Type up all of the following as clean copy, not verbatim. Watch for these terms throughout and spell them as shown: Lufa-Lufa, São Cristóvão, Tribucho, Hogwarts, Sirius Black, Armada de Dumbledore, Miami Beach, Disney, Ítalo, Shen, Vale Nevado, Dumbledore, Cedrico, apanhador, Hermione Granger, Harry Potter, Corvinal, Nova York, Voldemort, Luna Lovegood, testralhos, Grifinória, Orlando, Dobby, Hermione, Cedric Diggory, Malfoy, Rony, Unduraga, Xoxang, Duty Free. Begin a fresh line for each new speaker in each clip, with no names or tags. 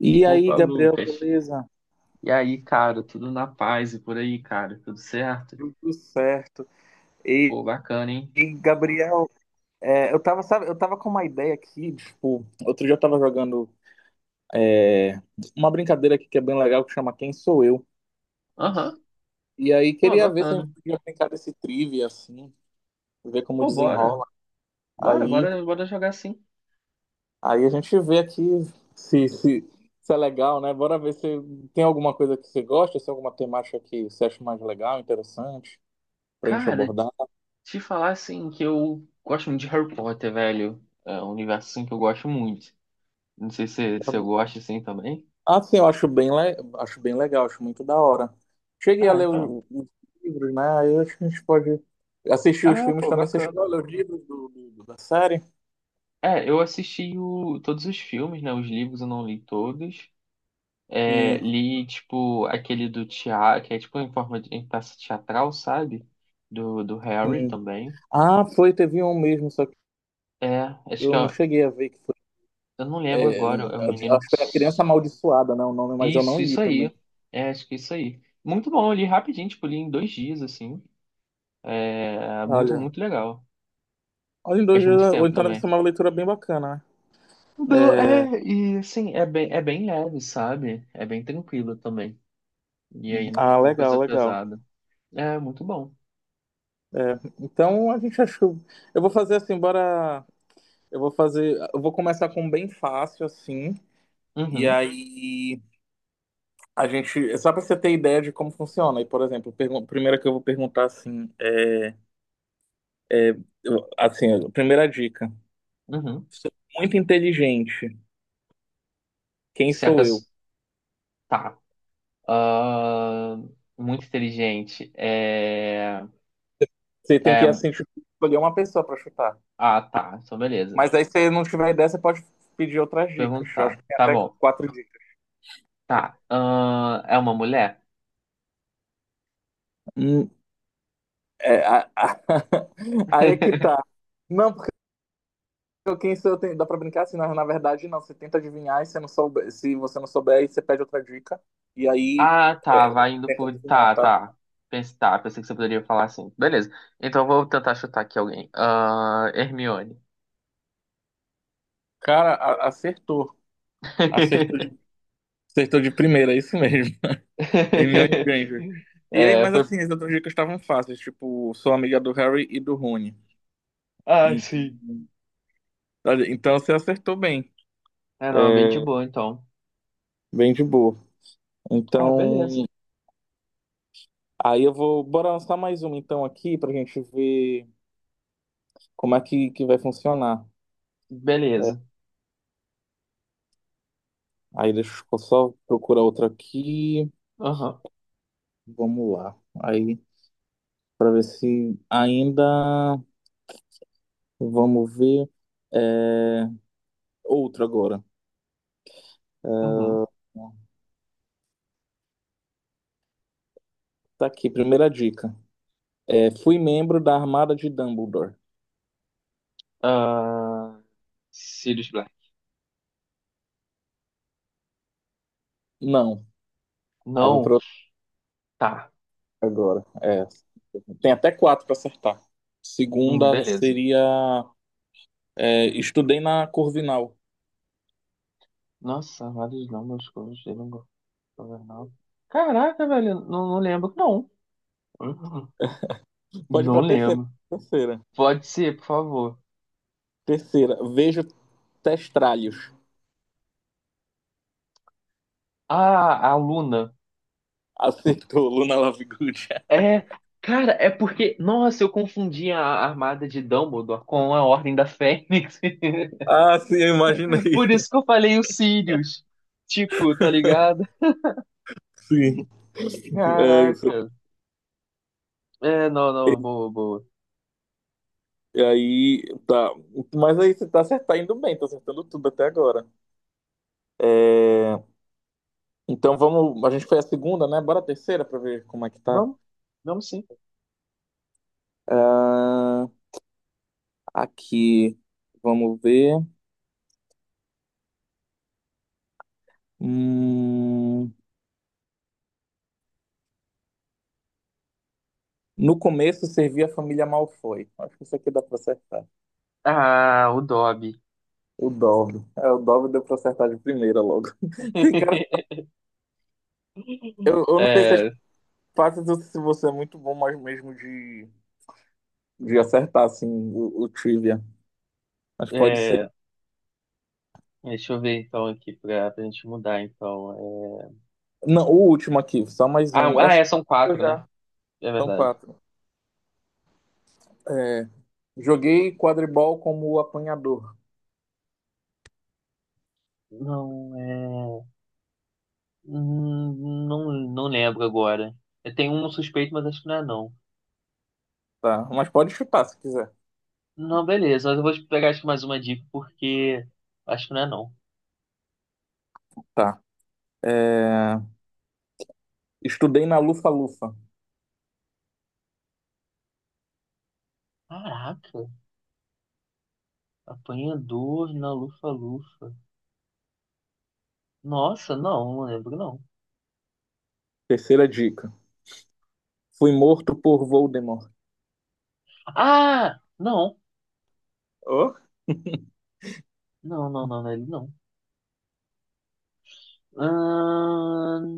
E aí,
Opa,
Gabriel,
Lucas.
beleza?
E aí, cara, tudo na paz e por aí, cara, tudo certo?
Tudo certo. E,
Pô, bacana, hein?
Gabriel, eu tava, sabe, eu tava com uma ideia aqui, tipo, outro dia eu tava jogando é, uma brincadeira aqui que é bem legal, que chama Quem Sou Eu.
Aham.
E aí
Pô,
queria ver se a gente
bacana.
podia brincar desse trivia, assim, ver como
Pô, bora.
desenrola.
Bora,
Aí,
bora, bora jogar assim.
aí a gente vê aqui se, se, se é legal, né? Bora ver se tem alguma coisa que você gosta, se tem alguma temática que você acha mais legal, interessante, pra gente
Cara,
abordar.
te falar assim que eu gosto muito de Harry Potter, velho. É um universo assim que eu gosto muito. Não sei se eu gosto assim também.
Assim, eu acho bem, acho bem legal, acho muito da hora. Cheguei a
Ah,
ler
então.
os livros, né? Aí eu acho que a gente pode assistir os
Ah,
filmes
pô,
também. Você
bacana.
chegou a ler os livros da série?
É, eu assisti todos os filmes, né? Os livros eu não li todos. É,
Sim,
li, tipo, aquele do teatro, que é tipo em forma de em peça teatral, sabe? Do Harry
sim.
também.
Ah, foi, teve um mesmo, só que
É, acho
eu
que
não
é,
cheguei a ver que foi.
eu não lembro
é,
agora, é o
Acho
menino.
que foi A Criança Amaldiçoada, né? O nome, mas eu não
Isso,
li
isso
também.
aí. É, acho que é isso aí. Muito bom, eu li rapidinho, tipo, li em 2 dias, assim. É, muito,
Olha,
muito legal.
olha, em dois
Faz
dias,
muito
ou
tempo
então deve ser
também.
uma leitura é bem bacana, né?
É, e assim, é bem leve, sabe? É bem tranquilo também. E
Uhum.
aí não
Ah,
fica uma
legal,
coisa
legal.
pesada. É muito bom.
É, então a gente achou. Eu vou fazer assim, bora. Eu vou fazer. Eu vou começar com um bem fácil, assim. E
Uhum,
aí a gente, só para você ter ideia de como funciona. E, por exemplo, primeira que eu vou perguntar assim, é, assim, a primeira dica.
uhum.
Sou muito inteligente. Quem
Se a
sou eu?
pessoa. Tá. Ah, muito inteligente.
Você tem que
É,
assim tipo, escolher uma pessoa para chutar.
ah, tá. Então, beleza.
Mas aí se você não tiver ideia, você pode pedir outras dicas. Eu acho que
Perguntar.
tem
Tá
até
bom.
4 dicas.
Tá. Ah, é uma mulher?
Hum, é, aí é que tá. Não, quem sou eu, dá pra brincar assim, na verdade não, você tenta adivinhar e se não souber, se você não souber, aí você pede outra dica e aí
Ah, tá.
é,
Vai indo
tenta
por.
adivinhar,
Tá,
tá?
tá. Pense, tá. Pensei que você poderia falar assim. Beleza. Então, eu vou tentar chutar aqui alguém. Ah, Hermione.
Cara, acertou. Acertou de, acertou de primeira, é isso mesmo. Hermione Granger. E aí,
É,
mas
foi.
assim, as outras dicas estavam fáceis, tipo, sou amiga do Harry e do Rony.
Ah,
Então,
sim.
olha, então você acertou bem.
É,
É,
não, é bem de boa, então.
bem de boa.
Ah, beleza.
Então, aí eu vou, bora lançar mais uma então aqui pra gente ver como é que vai funcionar.
Beleza.
Aí deixa eu só procurar outra aqui.
Aham.
Vamos lá. Aí, pra ver se ainda. Vamos ver. É... Outro agora.
Uhum.
Tá aqui, primeira dica. É, fui membro da Armada de Dumbledore.
Ah, Sirius Black.
Não. Aí vou para
Não.
outra
Tá.
agora. É, tem até 4 para acertar. Segunda
Beleza.
seria. É, estudei na Corvinal.
Nossa, vários nomes que eu gostei não gosto governal. Caraca, velho, não, não lembro, não. Uhum.
Pode ir
Não
pra terceira.
lembro.
Terceira.
Pode ser, por favor.
Terceira. Vejo testralhos.
Ah, a Luna.
Acertou, Luna Lovegood.
É, cara, é porque. Nossa, eu confundi a armada de Dumbledore com a Ordem da Fênix.
Ah, sim, eu imaginei.
Por isso que eu falei os Sirius. Tipo, tá ligado?
Sim, é isso.
Caraca. É, não, não, boa, boa.
E aí, tá. Mas aí você tá indo bem, tá acertando tudo até agora. É, então vamos. A gente foi a segunda, né? Bora a terceira pra ver como é que tá.
Vamos, vamos sim.
Ah, aqui, vamos ver. Hum, No começo servia a família Malfoy. Acho que isso aqui dá pra acertar.
Ah, o Dobby.
O Dobby. É, o Dobby deu pra acertar de primeira logo. Sim, cara, eu não sei se as
É,
partes, se você é muito bom, mas mesmo de acertar, assim, o trivia. Mas pode ser.
É, deixa eu ver então aqui pra gente mudar então.
Não, o último aqui, só mais
Ah,
um.
ah,
Essa
é, são
eu
quatro, né?
já.
É
São
verdade.
4. É, joguei quadribol como apanhador.
Não, é. Não, não lembro agora. Eu tenho um suspeito, mas acho que não é não.
Tá. Mas pode chutar se quiser.
Não, beleza, mas eu vou pegar acho que mais uma dica porque acho que não é não.
Tá. É, estudei na Lufa-Lufa.
Caraca, apanhador na lufa-lufa. Nossa, não, não lembro não.
Terceira dica. Fui morto por Voldemort.
Ah, não,
Ô,
não, não, não, não, é ele não. Ahn,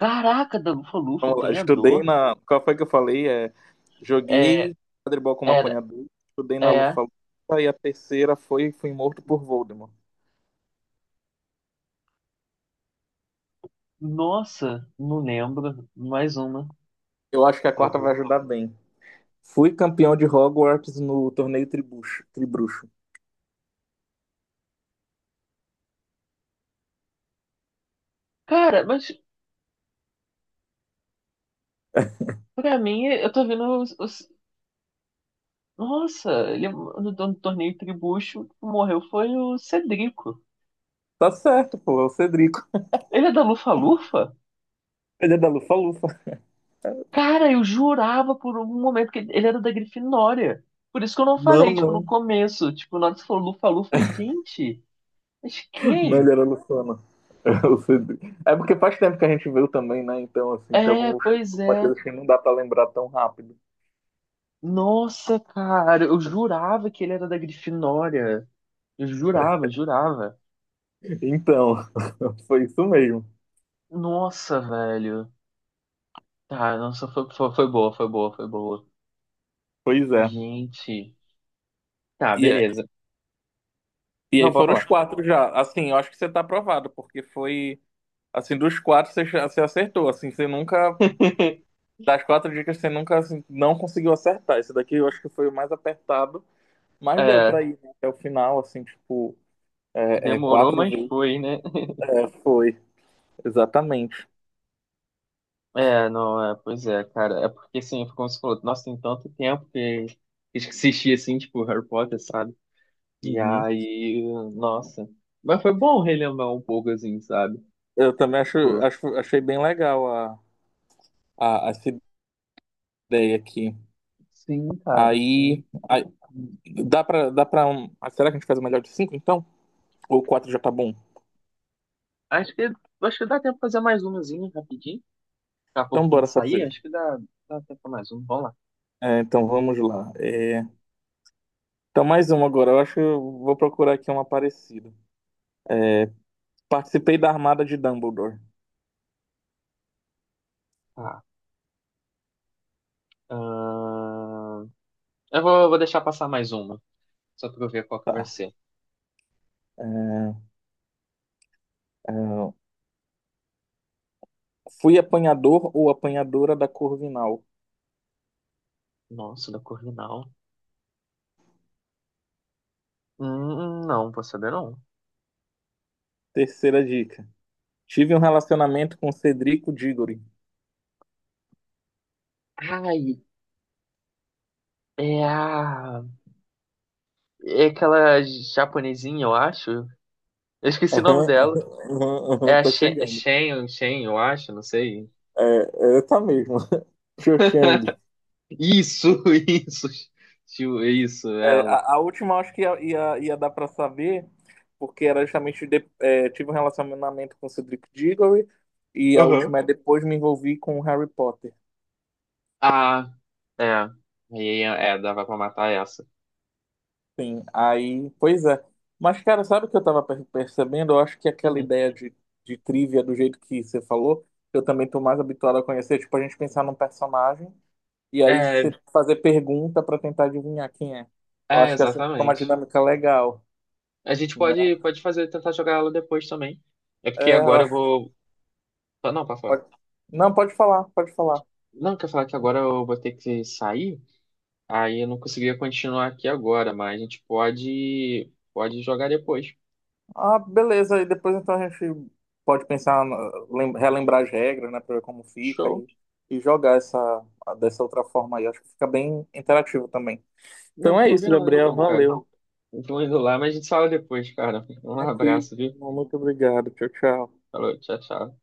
Caraca, da lufa-lufa,
vamos lá.
apanhador.
Estudei na. Qual foi que eu falei? É,
É,
joguei quadribol como
é
apanhador. Estudei na
É,
Lufa-Lufa. E a terceira foi fui morto por Voldemort.
nossa, não lembro. Mais uma, por
Eu acho que a quarta
favor.
vai ajudar bem. Fui campeão de Hogwarts no torneio Tribruxo.
Cara, mas pra mim, eu tô vendo Nossa, ele no torneio Tribucho, que morreu foi o Cedrico.
Tá certo, pô, é o Cedrico.
Ele é da Lufa-Lufa?
Ele é da Lufa-Lufa.
Cara, eu jurava por um momento que ele era da Grifinória. Por isso que eu não
Não,
falei, tipo, no
não.
começo. Tipo, na hora que você falou Lufa-Lufa, eu falei, gente, mas
Não,
quem?
ele era Lufana. É o Cedrico. É porque faz tempo que a gente viu também, né? Então, assim, tem
É,
algumas,
pois
algumas
é.
coisas que não dá pra lembrar tão rápido.
Nossa, cara, eu jurava que ele era da Grifinória. Eu jurava, jurava.
Então, foi isso mesmo.
Nossa, velho. Tá, nossa, foi boa, foi boa, foi boa.
Pois é.
Gente. Tá,
E, é-
beleza.
e aí
Não, pode
foram os
falar.
4 já. Assim, eu acho que você tá aprovado, porque foi. Assim, dos 4 você, você acertou. Assim, você nunca das 4 dicas, você nunca assim, não conseguiu acertar. Esse daqui eu acho que foi o mais apertado, mas deu
É,
pra ir né, até o final, assim, tipo,
demorou,
quatro
mas
vezes.
foi, né?
É, foi, exatamente.
É, não, é, pois é, cara. É porque, assim, foi como você falou, nossa, tem tanto tempo que assisti, assim, tipo, Harry Potter, sabe? E
Uhum.
aí, nossa. Mas foi bom relembrar um pouco, assim, sabe?
Eu também acho,
Tipo,
acho, achei bem legal essa ideia aqui.
sim, cara,
Aí,
sim.
aí dá pra um, ah, será que a gente faz o melhor de 5, então? Ou 4 já tá bom?
Acho que, acho que dá tempo de fazer mais umazinha rapidinho. Daqui a pouco
Então
tem
bora
que sair,
fazer.
acho que dá tempo pra mais um. Vamos lá.
É, então vamos lá. É, então mais uma agora. Eu acho que eu vou procurar aqui uma parecida. É, participei da Armada de Dumbledore.
Tá. Ahn, eu vou deixar passar mais uma, só pra eu ver qual que vai
Tá.
ser.
É, é, fui apanhador ou apanhadora da Corvinal.
Nossa, da Corvinal. Não, vou saber não.
Terceira dica. Tive um relacionamento com Cedrico Diggory.
Ai, é a... É aquela japonesinha, eu acho. Eu esqueci o nome
Aham,
dela.
aham, aham,
É a
tá
Shen, é
chegando.
Shen, Shen, eu acho, não sei.
Tá mesmo. Xoxang.
Isso, isso. Tio, isso,
É,
ela.
a última eu acho que ia dar para saber, porque era justamente é, tive um relacionamento com Cedric Diggory e a
Uhum.
última é depois me envolvi com Harry Potter.
Ah, é. E aí dava pra matar essa.
Sim, aí, pois é. Mas, cara, sabe o que eu tava percebendo? Eu acho que aquela
Uhum.
ideia de trivia, do jeito que você falou, eu também tô mais habituado a conhecer. Tipo, a gente pensar num personagem e aí
É,
você fazer pergunta pra tentar adivinhar quem é. Eu
é,
acho que essa fica uma
exatamente.
dinâmica legal,
A gente
né?
pode fazer, tentar jogar ela depois também. É porque
É, eu
agora eu
acho que
vou. Ah, não, pra falar.
pode... Não, pode falar, pode falar.
Não, quer falar que agora eu vou ter que sair? Aí eu não conseguia continuar aqui agora, mas a gente pode jogar depois.
Ah, beleza. E depois então a gente pode pensar, relembrar as regras, né, pra ver como fica
Show.
e jogar essa, dessa outra forma aí. Acho que fica bem interativo também.
Não,
Então é isso,
combinado
Gabriel.
então, cara.
Valeu.
Então indo lá, mas a gente fala depois, cara. Um
Tranquilo.
abraço, viu?
Muito obrigado. Tchau, tchau.
Falou, tchau, tchau.